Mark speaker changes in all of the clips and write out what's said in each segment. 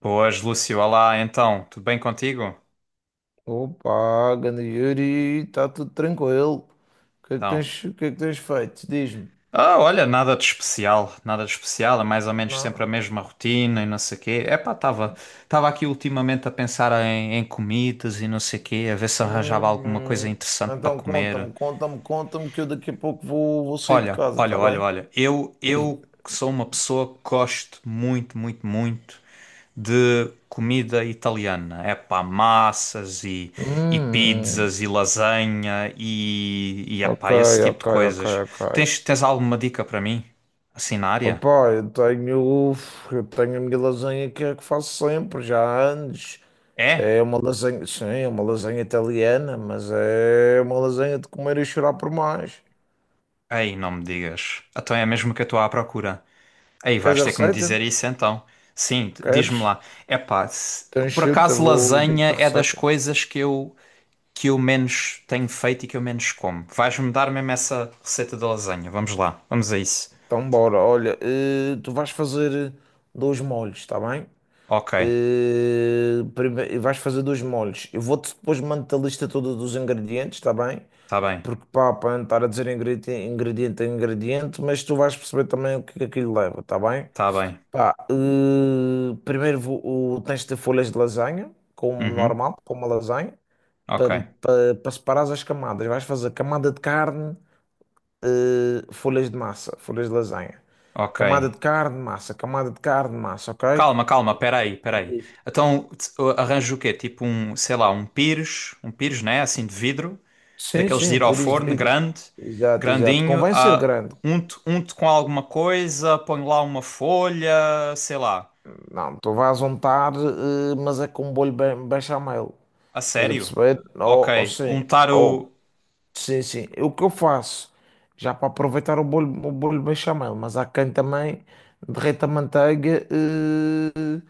Speaker 1: Boas, Lúcio. Olá, então, tudo bem contigo?
Speaker 2: Opa, ganda Yuri, está tudo tranquilo. O que é que
Speaker 1: Então.
Speaker 2: tens, o que é que tens feito? Diz-me.
Speaker 1: Ah, olha, nada de especial, nada de especial, é mais ou menos sempre
Speaker 2: Nada.
Speaker 1: a mesma rotina e não sei o quê. Epá, estava aqui ultimamente a pensar em comidas e não sei o quê, a ver se arranjava alguma coisa
Speaker 2: Hum,
Speaker 1: interessante para
Speaker 2: então
Speaker 1: comer.
Speaker 2: conta-me, conta-me, conta-me que eu daqui a pouco vou sair de
Speaker 1: Olha,
Speaker 2: casa,
Speaker 1: olha,
Speaker 2: está
Speaker 1: olha,
Speaker 2: bem?
Speaker 1: olha, eu,
Speaker 2: Diz-me.
Speaker 1: eu que sou uma pessoa que gosto muito, muito, muito de comida italiana. É pá, massas e
Speaker 2: Hum,
Speaker 1: pizzas e lasanha e
Speaker 2: ok,
Speaker 1: epá, esse tipo
Speaker 2: ok,
Speaker 1: de
Speaker 2: ok,
Speaker 1: coisas.
Speaker 2: ok.
Speaker 1: Tens alguma dica para mim? Assim na área?
Speaker 2: Opa, eu tenho a minha lasanha que é a que faço sempre, já há anos.
Speaker 1: É?
Speaker 2: É uma lasanha, sim, é uma lasanha italiana, mas é uma lasanha de comer e chorar por mais.
Speaker 1: Ei, não me digas. Então é mesmo que eu estou à procura. Ei,
Speaker 2: Queres
Speaker 1: vais
Speaker 2: a
Speaker 1: ter que me
Speaker 2: receita?
Speaker 1: dizer isso então. Sim, diz-me
Speaker 2: Queres?
Speaker 1: lá. É pá,
Speaker 2: Então,
Speaker 1: por
Speaker 2: chuta,
Speaker 1: acaso
Speaker 2: vou dizer-te
Speaker 1: lasanha
Speaker 2: a
Speaker 1: é das
Speaker 2: receita.
Speaker 1: coisas que eu. Que eu menos tenho feito e que eu menos como. Vais-me dar mesmo essa receita da lasanha. Vamos lá, vamos a isso.
Speaker 2: Então, bora. Olha, tu vais fazer dois molhos, está bem?
Speaker 1: Ok.
Speaker 2: Vais fazer dois molhos. Eu vou-te depois mandar a lista toda dos ingredientes, está bem?
Speaker 1: Tá bem,
Speaker 2: Porque pá, para não estar a dizer ingrediente a ingrediente, mas tu vais perceber também o que é que aquilo leva, está bem?
Speaker 1: tá bem.
Speaker 2: Pá, tens de ter folhas de lasanha, como
Speaker 1: Uhum.
Speaker 2: normal, como uma lasanha,
Speaker 1: Ok,
Speaker 2: para separares as camadas. Vais fazer camada de carne. Folhas de massa, folhas de lasanha.
Speaker 1: ok.
Speaker 2: Camada de carne, massa, camada de carne, massa, ok?
Speaker 1: Calma, calma, peraí, peraí.
Speaker 2: Diz.
Speaker 1: Então arranjo o quê? Tipo um, sei lá, um pires, né? Assim de vidro,
Speaker 2: Sim,
Speaker 1: daqueles
Speaker 2: sim,
Speaker 1: de
Speaker 2: um
Speaker 1: ir ao
Speaker 2: pires de
Speaker 1: forno,
Speaker 2: vidro.
Speaker 1: grande,
Speaker 2: Exato, exato.
Speaker 1: grandinho.
Speaker 2: Convém ser grande.
Speaker 1: Unto, unto com alguma coisa, ponho lá uma folha, sei lá.
Speaker 2: Não, tu vais untar, mas é com um bolho bem, bem chamelo.
Speaker 1: A
Speaker 2: Estás a
Speaker 1: sério?
Speaker 2: perceber? Ou
Speaker 1: Ok,
Speaker 2: sim,
Speaker 1: untar
Speaker 2: ou
Speaker 1: o.
Speaker 2: sim, sim. O que eu faço, já para aproveitar o bolho bechamel, mas há quem também derreta a manteiga,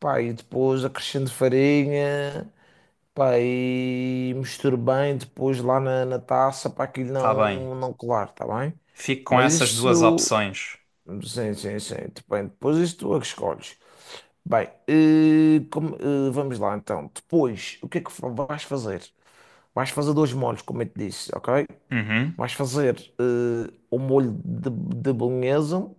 Speaker 2: pá, e depois acrescento farinha, pá, e misturo bem depois lá na taça para aquilo
Speaker 1: Tá bem.
Speaker 2: não colar, tá bem?
Speaker 1: Fico com
Speaker 2: Mas
Speaker 1: essas duas
Speaker 2: isso,
Speaker 1: opções.
Speaker 2: sim, sim, sim, depende. Depois isso tu é que escolhes. Bem, vamos lá então. Depois, o que é que vais fazer? Vais fazer dois molhos, como eu te disse, ok?
Speaker 1: Uhum.
Speaker 2: Vais fazer o molho de bolonhesa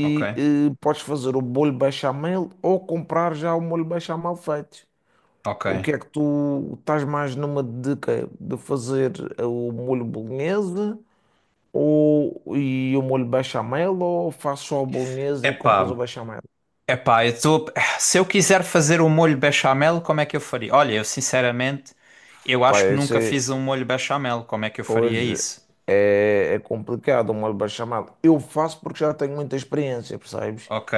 Speaker 1: Ok,
Speaker 2: podes fazer o molho bechamel ou comprar já o molho bechamel feito.
Speaker 1: ok.
Speaker 2: O que é que tu estás mais numa de quê? De fazer o molho bolonhesa e o molho bechamel ou fazes só a bolonhesa e compras o
Speaker 1: Epá.
Speaker 2: bechamel?
Speaker 1: Epá, se eu quiser fazer um molho bechamel, como é que eu faria? Olha, eu sinceramente, eu acho que
Speaker 2: Vai
Speaker 1: nunca
Speaker 2: ser,
Speaker 1: fiz um molho bechamel, como é que eu
Speaker 2: Pois
Speaker 1: faria isso?
Speaker 2: é, é complicado o molho bechamel. Eu faço porque já tenho muita experiência, percebes?
Speaker 1: Ok,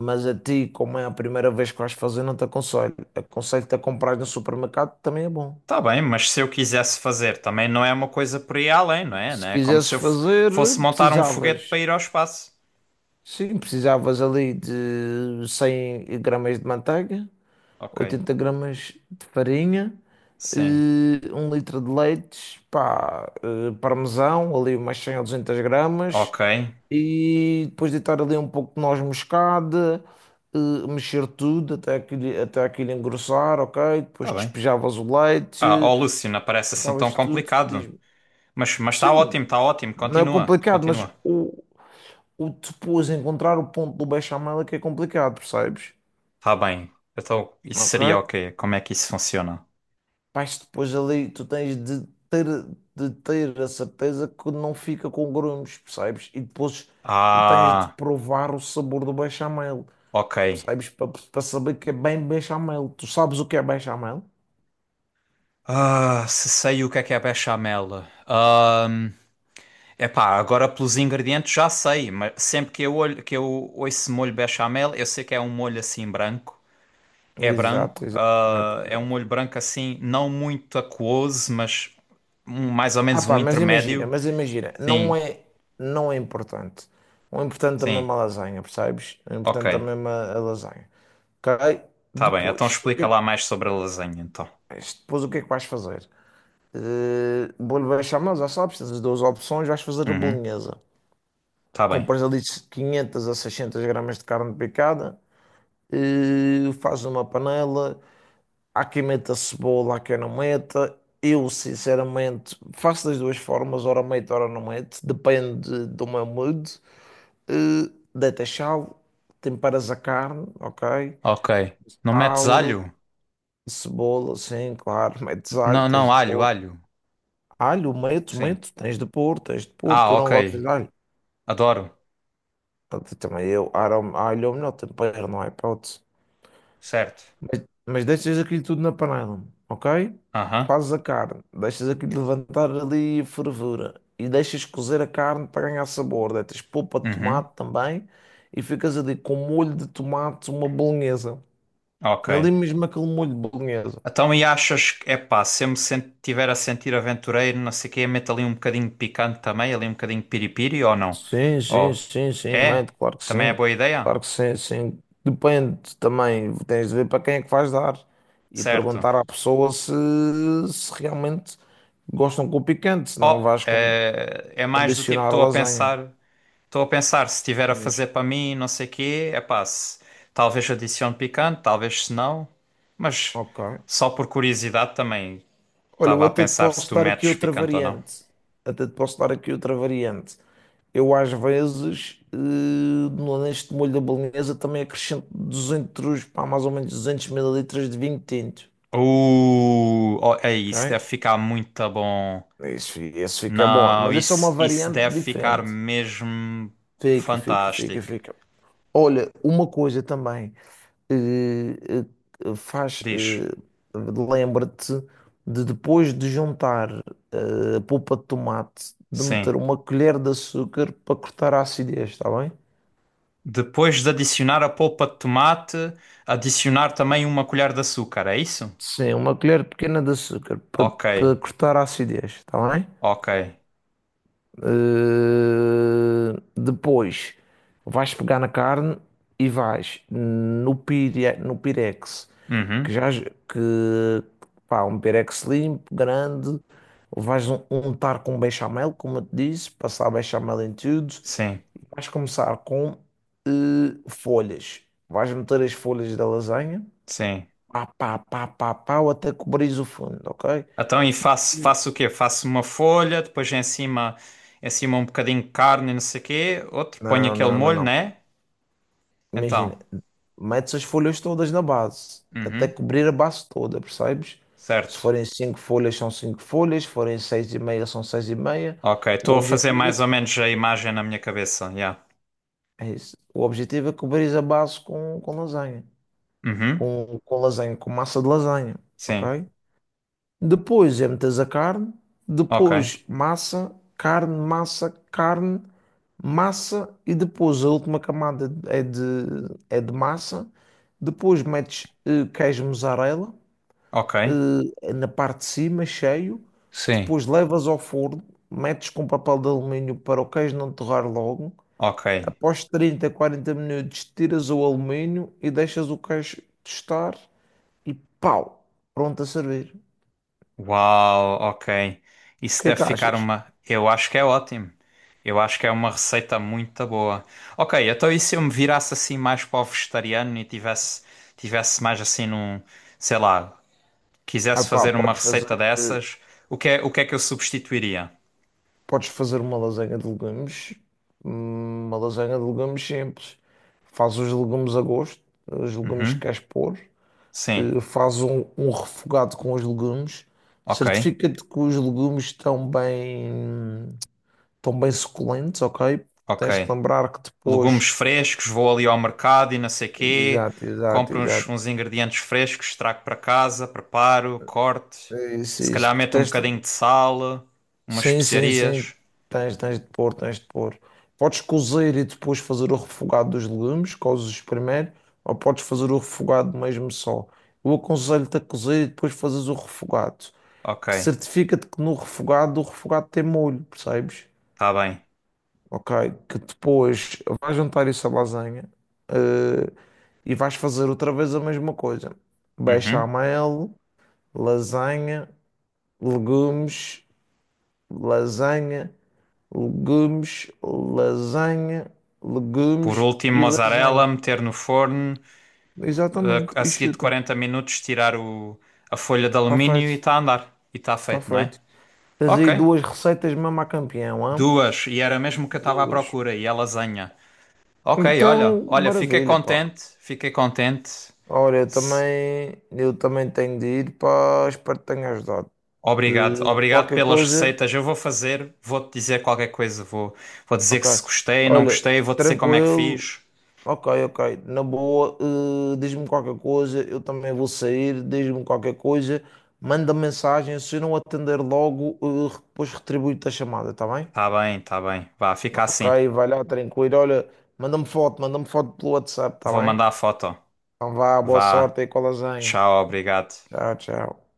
Speaker 2: Mas a ti, como é a primeira vez que vais fazer, não te aconselho. Aconselho-te a comprar no supermercado, também é bom.
Speaker 1: tá bem, mas se eu quisesse fazer, também não é uma coisa por aí além, não é? Não
Speaker 2: Se
Speaker 1: é como
Speaker 2: quisesses
Speaker 1: se
Speaker 2: fazer,
Speaker 1: fosse montar um foguete para
Speaker 2: precisavas.
Speaker 1: ir ao espaço.
Speaker 2: Sim, precisavas ali de 100 gramas de manteiga,
Speaker 1: Ok,
Speaker 2: 80 gramas de farinha,
Speaker 1: sim,
Speaker 2: um litro de leite, pá, parmesão, ali umas 100 ou 200 gramas,
Speaker 1: ok,
Speaker 2: e depois deitar ali um pouco de noz moscada, mexer tudo até aquilo engrossar, ok? Depois
Speaker 1: tá bem.
Speaker 2: despejavas o
Speaker 1: Ah, ó
Speaker 2: leite,
Speaker 1: Lúcio, não parece assim tão
Speaker 2: sentavas tudo,
Speaker 1: complicado,
Speaker 2: diz-me,
Speaker 1: mas
Speaker 2: sim,
Speaker 1: está ótimo,
Speaker 2: não é
Speaker 1: continua,
Speaker 2: complicado, mas
Speaker 1: continua.
Speaker 2: o depois encontrar o ponto do bechamel é que é complicado, percebes?
Speaker 1: Tá bem, então isso
Speaker 2: Ok?
Speaker 1: seria o quê? Como é que isso funciona?
Speaker 2: Mas depois ali tu tens de ter a certeza que não fica com grumos, percebes? E depois tu tens de
Speaker 1: Ah...
Speaker 2: provar o sabor do bechamel,
Speaker 1: Ok.
Speaker 2: percebes? Para saber que é bem bechamel. Tu sabes o que é bechamel?
Speaker 1: Ah, se sei o que é bechamel. Ahm, Epá, agora pelos ingredientes já sei, mas sempre que eu olho, que eu ouço molho bechamel, eu sei que é um molho assim branco. É
Speaker 2: Exato,
Speaker 1: branco,
Speaker 2: exato, exato,
Speaker 1: ah, é um
Speaker 2: exato.
Speaker 1: molho branco assim, não muito aquoso, mas mais ou
Speaker 2: Ah
Speaker 1: menos um
Speaker 2: pá,
Speaker 1: intermédio.
Speaker 2: mas imagina, não
Speaker 1: Sim,
Speaker 2: é, não é importante. O importante também é
Speaker 1: sim.
Speaker 2: a lasanha, percebes? O importante também
Speaker 1: Ok.
Speaker 2: é a lasanha. Ok?
Speaker 1: Tá bem. Então
Speaker 2: Depois, o que
Speaker 1: explica
Speaker 2: é que,
Speaker 1: lá mais sobre a lasanha, então.
Speaker 2: depois, o que é que vais fazer? Vou-lhe baixar, mas já sabes, tens as duas opções, vais fazer a
Speaker 1: Uhum.
Speaker 2: bolonhesa.
Speaker 1: Tá bem.
Speaker 2: Compras ali 500 a 600 gramas de carne picada, fazes uma panela, há quem meta cebola, há quem não meta. Eu, sinceramente, faço das duas formas, ora meto, ora não meto, depende do meu mood. Eh, Deitas sal, temperas a carne, ok?
Speaker 1: Ok. Não metes
Speaker 2: Sal,
Speaker 1: alho?
Speaker 2: cebola, sim, claro, metes alho,
Speaker 1: Não,
Speaker 2: tens
Speaker 1: não,
Speaker 2: de
Speaker 1: alho,
Speaker 2: pôr.
Speaker 1: alho.
Speaker 2: Alho, meto,
Speaker 1: Sim.
Speaker 2: meto, tens de pôr,
Speaker 1: Ah,
Speaker 2: tu não
Speaker 1: ok.
Speaker 2: gostas de alho.
Speaker 1: Adoro,
Speaker 2: Também eu, alho alho é o melhor tempero, não há hipótese.
Speaker 1: certo.
Speaker 2: Mas deixas aquilo tudo na panela, ok?
Speaker 1: Aham,
Speaker 2: Fazes a carne, deixas aquilo levantar ali a fervura e deixas cozer a carne para ganhar sabor. Deitas polpa de
Speaker 1: uhum,
Speaker 2: tomate também e ficas ali com molho de tomate, uma bolonhesa.
Speaker 1: ok.
Speaker 2: Ali mesmo aquele molho de bolonhesa.
Speaker 1: Então, e achas que, epá, se eu me tiver a sentir aventureiro, não sei o quê, meto ali um bocadinho de picante também, ali um bocadinho de piripiri ou não?
Speaker 2: Sim, sim,
Speaker 1: Oh,
Speaker 2: sim, sim,
Speaker 1: é?
Speaker 2: mate,
Speaker 1: Também é boa ideia?
Speaker 2: claro que sim, sim. Depende também, tens de ver para quem é que vais dar e
Speaker 1: Certo.
Speaker 2: perguntar à pessoa se realmente gostam com o picante, se não
Speaker 1: Oh,
Speaker 2: vais
Speaker 1: é, é mais do tipo,
Speaker 2: condicionar a
Speaker 1: estou a
Speaker 2: lasanha.
Speaker 1: pensar, estou a pensar, se tiver a
Speaker 2: Diz,
Speaker 1: fazer para mim, não sei o quê, epá, se, talvez adicione picante, talvez se não, mas
Speaker 2: ok.
Speaker 1: só por curiosidade também
Speaker 2: Olha, eu
Speaker 1: estava a
Speaker 2: até te
Speaker 1: pensar se
Speaker 2: posso
Speaker 1: tu
Speaker 2: dar aqui
Speaker 1: metes
Speaker 2: outra
Speaker 1: picante ou não.
Speaker 2: variante. Até te posso dar aqui outra variante. Eu às vezes, neste molho da bolonhesa também acrescento 200, pá, mais ou menos 200 mililitros de vinho tinto.
Speaker 1: Oh, é isso,
Speaker 2: Ok.
Speaker 1: deve ficar muito bom.
Speaker 2: Isso, esse fica bom,
Speaker 1: Não,
Speaker 2: mas essa é uma
Speaker 1: isso
Speaker 2: variante
Speaker 1: deve ficar
Speaker 2: diferente.
Speaker 1: mesmo
Speaker 2: Fica, fica, fica,
Speaker 1: fantástico.
Speaker 2: fica. Olha, uma coisa também, eh, eh, faz,
Speaker 1: Diz,
Speaker 2: eh, lembra-te de depois de juntar a polpa de tomate, de
Speaker 1: sim.
Speaker 2: meter uma colher de açúcar para cortar a acidez, está bem?
Speaker 1: Depois de adicionar a polpa de tomate, adicionar também uma colher de açúcar, é isso?
Speaker 2: Sim, uma colher pequena de açúcar para,
Speaker 1: Ok,
Speaker 2: para cortar a acidez, está bem?
Speaker 1: ok.
Speaker 2: Depois vais pegar na carne e vais no Pirex, que
Speaker 1: Uhum,
Speaker 2: já que um Pirex limpo, grande, vais untar com bechamel, como eu te disse, passar bechamel em tudo,
Speaker 1: sim,
Speaker 2: e vais começar com folhas. Vais meter as folhas da lasanha,
Speaker 1: sim.
Speaker 2: até cobrir o fundo, ok?
Speaker 1: Então, e faço,
Speaker 2: Sim.
Speaker 1: faço o quê? Faço uma folha, depois em cima um bocadinho de carne, e não sei o quê. Outro, ponho
Speaker 2: Não,
Speaker 1: aquele
Speaker 2: não, não,
Speaker 1: molho,
Speaker 2: não.
Speaker 1: né? Então,
Speaker 2: Imagina, metes as folhas todas na base, até
Speaker 1: uhum,
Speaker 2: cobrir a base toda, percebes? Se
Speaker 1: certo.
Speaker 2: forem cinco folhas, são cinco folhas, se forem seis e meia, são seis e meia.
Speaker 1: Ok,
Speaker 2: O
Speaker 1: estou a fazer
Speaker 2: objetivo é,
Speaker 1: mais ou menos a imagem na minha cabeça. Yeah.
Speaker 2: é isso. O objetivo é cobrir a base com lasanha,
Speaker 1: Uhum.
Speaker 2: com lasanha, com massa de lasanha,
Speaker 1: Sim.
Speaker 2: ok? Depois é metes a carne,
Speaker 1: Ok.
Speaker 2: depois massa, carne, massa, carne, massa e depois a última camada é de massa. Depois metes queijo mussarela
Speaker 1: Ok.
Speaker 2: na parte de cima, cheio.
Speaker 1: Sim.
Speaker 2: Depois levas ao forno, metes com papel de alumínio para o queijo não torrar logo.
Speaker 1: Ok.
Speaker 2: Após 30, 40 minutos, tiras o alumínio e deixas o queijo tostar e pau, pronto a servir.
Speaker 1: Uau, ok.
Speaker 2: O
Speaker 1: Isso
Speaker 2: que é
Speaker 1: deve
Speaker 2: que
Speaker 1: ficar
Speaker 2: achas?
Speaker 1: uma. Eu acho que é ótimo. Eu acho que é uma receita muito boa. Ok, então e se eu me virasse assim mais para o vegetariano e tivesse, tivesse mais assim num, sei lá,
Speaker 2: Ah
Speaker 1: quisesse
Speaker 2: pá,
Speaker 1: fazer uma receita
Speaker 2: eh,
Speaker 1: dessas, o que é que eu substituiria?
Speaker 2: podes fazer uma lasanha de legumes, uma lasanha de legumes simples. Faz os legumes a gosto, os legumes que
Speaker 1: Uhum.
Speaker 2: queres pôr,
Speaker 1: Sim.
Speaker 2: faz um, refogado com os legumes,
Speaker 1: Ok.
Speaker 2: certifica-te que os legumes estão bem suculentos, ok?
Speaker 1: Ok.
Speaker 2: Tens de lembrar que
Speaker 1: Legumes
Speaker 2: depois.
Speaker 1: frescos, vou ali ao mercado e não sei quê,
Speaker 2: Exato, exato,
Speaker 1: compro uns,
Speaker 2: exato.
Speaker 1: uns ingredientes frescos, trago para casa, preparo, corto,
Speaker 2: É isso, é
Speaker 1: se
Speaker 2: isso.
Speaker 1: calhar
Speaker 2: Porque
Speaker 1: meto um
Speaker 2: tens de.
Speaker 1: bocadinho de sal, umas
Speaker 2: Sim, sim, sim.
Speaker 1: especiarias.
Speaker 2: Tens de pôr, tens de pôr. Podes cozer e depois fazer o refogado dos legumes, cozes primeiro, ou podes fazer o refogado mesmo só. Eu aconselho-te a cozer e depois fazes o refogado.
Speaker 1: Ok,
Speaker 2: Que certifica-te que no refogado, o refogado tem molho, percebes?
Speaker 1: está bem.
Speaker 2: Ok? Que depois vais juntar isso à lasanha, eh, e vais fazer outra vez a mesma coisa.
Speaker 1: Uhum.
Speaker 2: Bechamel, lasanha, legumes, lasanha. Legumes, lasanha,
Speaker 1: Por
Speaker 2: legumes
Speaker 1: último,
Speaker 2: e
Speaker 1: mozzarella,
Speaker 2: lasanha.
Speaker 1: meter no forno, eh,
Speaker 2: Exatamente.
Speaker 1: a
Speaker 2: E
Speaker 1: seguir de
Speaker 2: chuta.
Speaker 1: 40 minutos tirar o, a folha de
Speaker 2: Está
Speaker 1: alumínio e
Speaker 2: feito.
Speaker 1: está a andar. E está
Speaker 2: Está
Speaker 1: feito, não é?
Speaker 2: feito. Tens
Speaker 1: Ok.
Speaker 2: aí duas receitas mesmo a campeão, hã?
Speaker 1: Duas, e era mesmo o que eu estava à
Speaker 2: Duas.
Speaker 1: procura, e a lasanha. Ok, olha,
Speaker 2: Então,
Speaker 1: olha, fiquei
Speaker 2: maravilha, pá.
Speaker 1: contente, fiquei contente.
Speaker 2: Olha, eu
Speaker 1: S-
Speaker 2: também, eu também tenho de ir, pá. Espero que tenha ajudado. Eh,
Speaker 1: Obrigado, obrigado
Speaker 2: Qualquer
Speaker 1: pelas
Speaker 2: coisa,
Speaker 1: receitas. Eu vou fazer, vou-te dizer qualquer coisa. Vou, vou dizer que se
Speaker 2: ok.
Speaker 1: gostei, não
Speaker 2: Olha,
Speaker 1: gostei, vou-te dizer como é que
Speaker 2: tranquilo.
Speaker 1: fiz.
Speaker 2: Ok, ok. Na boa, diz-me qualquer coisa, eu também vou sair, diz-me qualquer coisa, manda mensagem, se eu não atender logo, depois retribuo-te a chamada, está bem?
Speaker 1: Tá bem, tá bem. Vá, fica
Speaker 2: Ok,
Speaker 1: assim.
Speaker 2: vai lá, tranquilo. Olha, manda-me foto pelo WhatsApp, está
Speaker 1: Vou
Speaker 2: bem?
Speaker 1: mandar a foto.
Speaker 2: Então vá, boa
Speaker 1: Vá,
Speaker 2: sorte aí com a lasanha.
Speaker 1: tchau, obrigado.
Speaker 2: Tchau, tchau.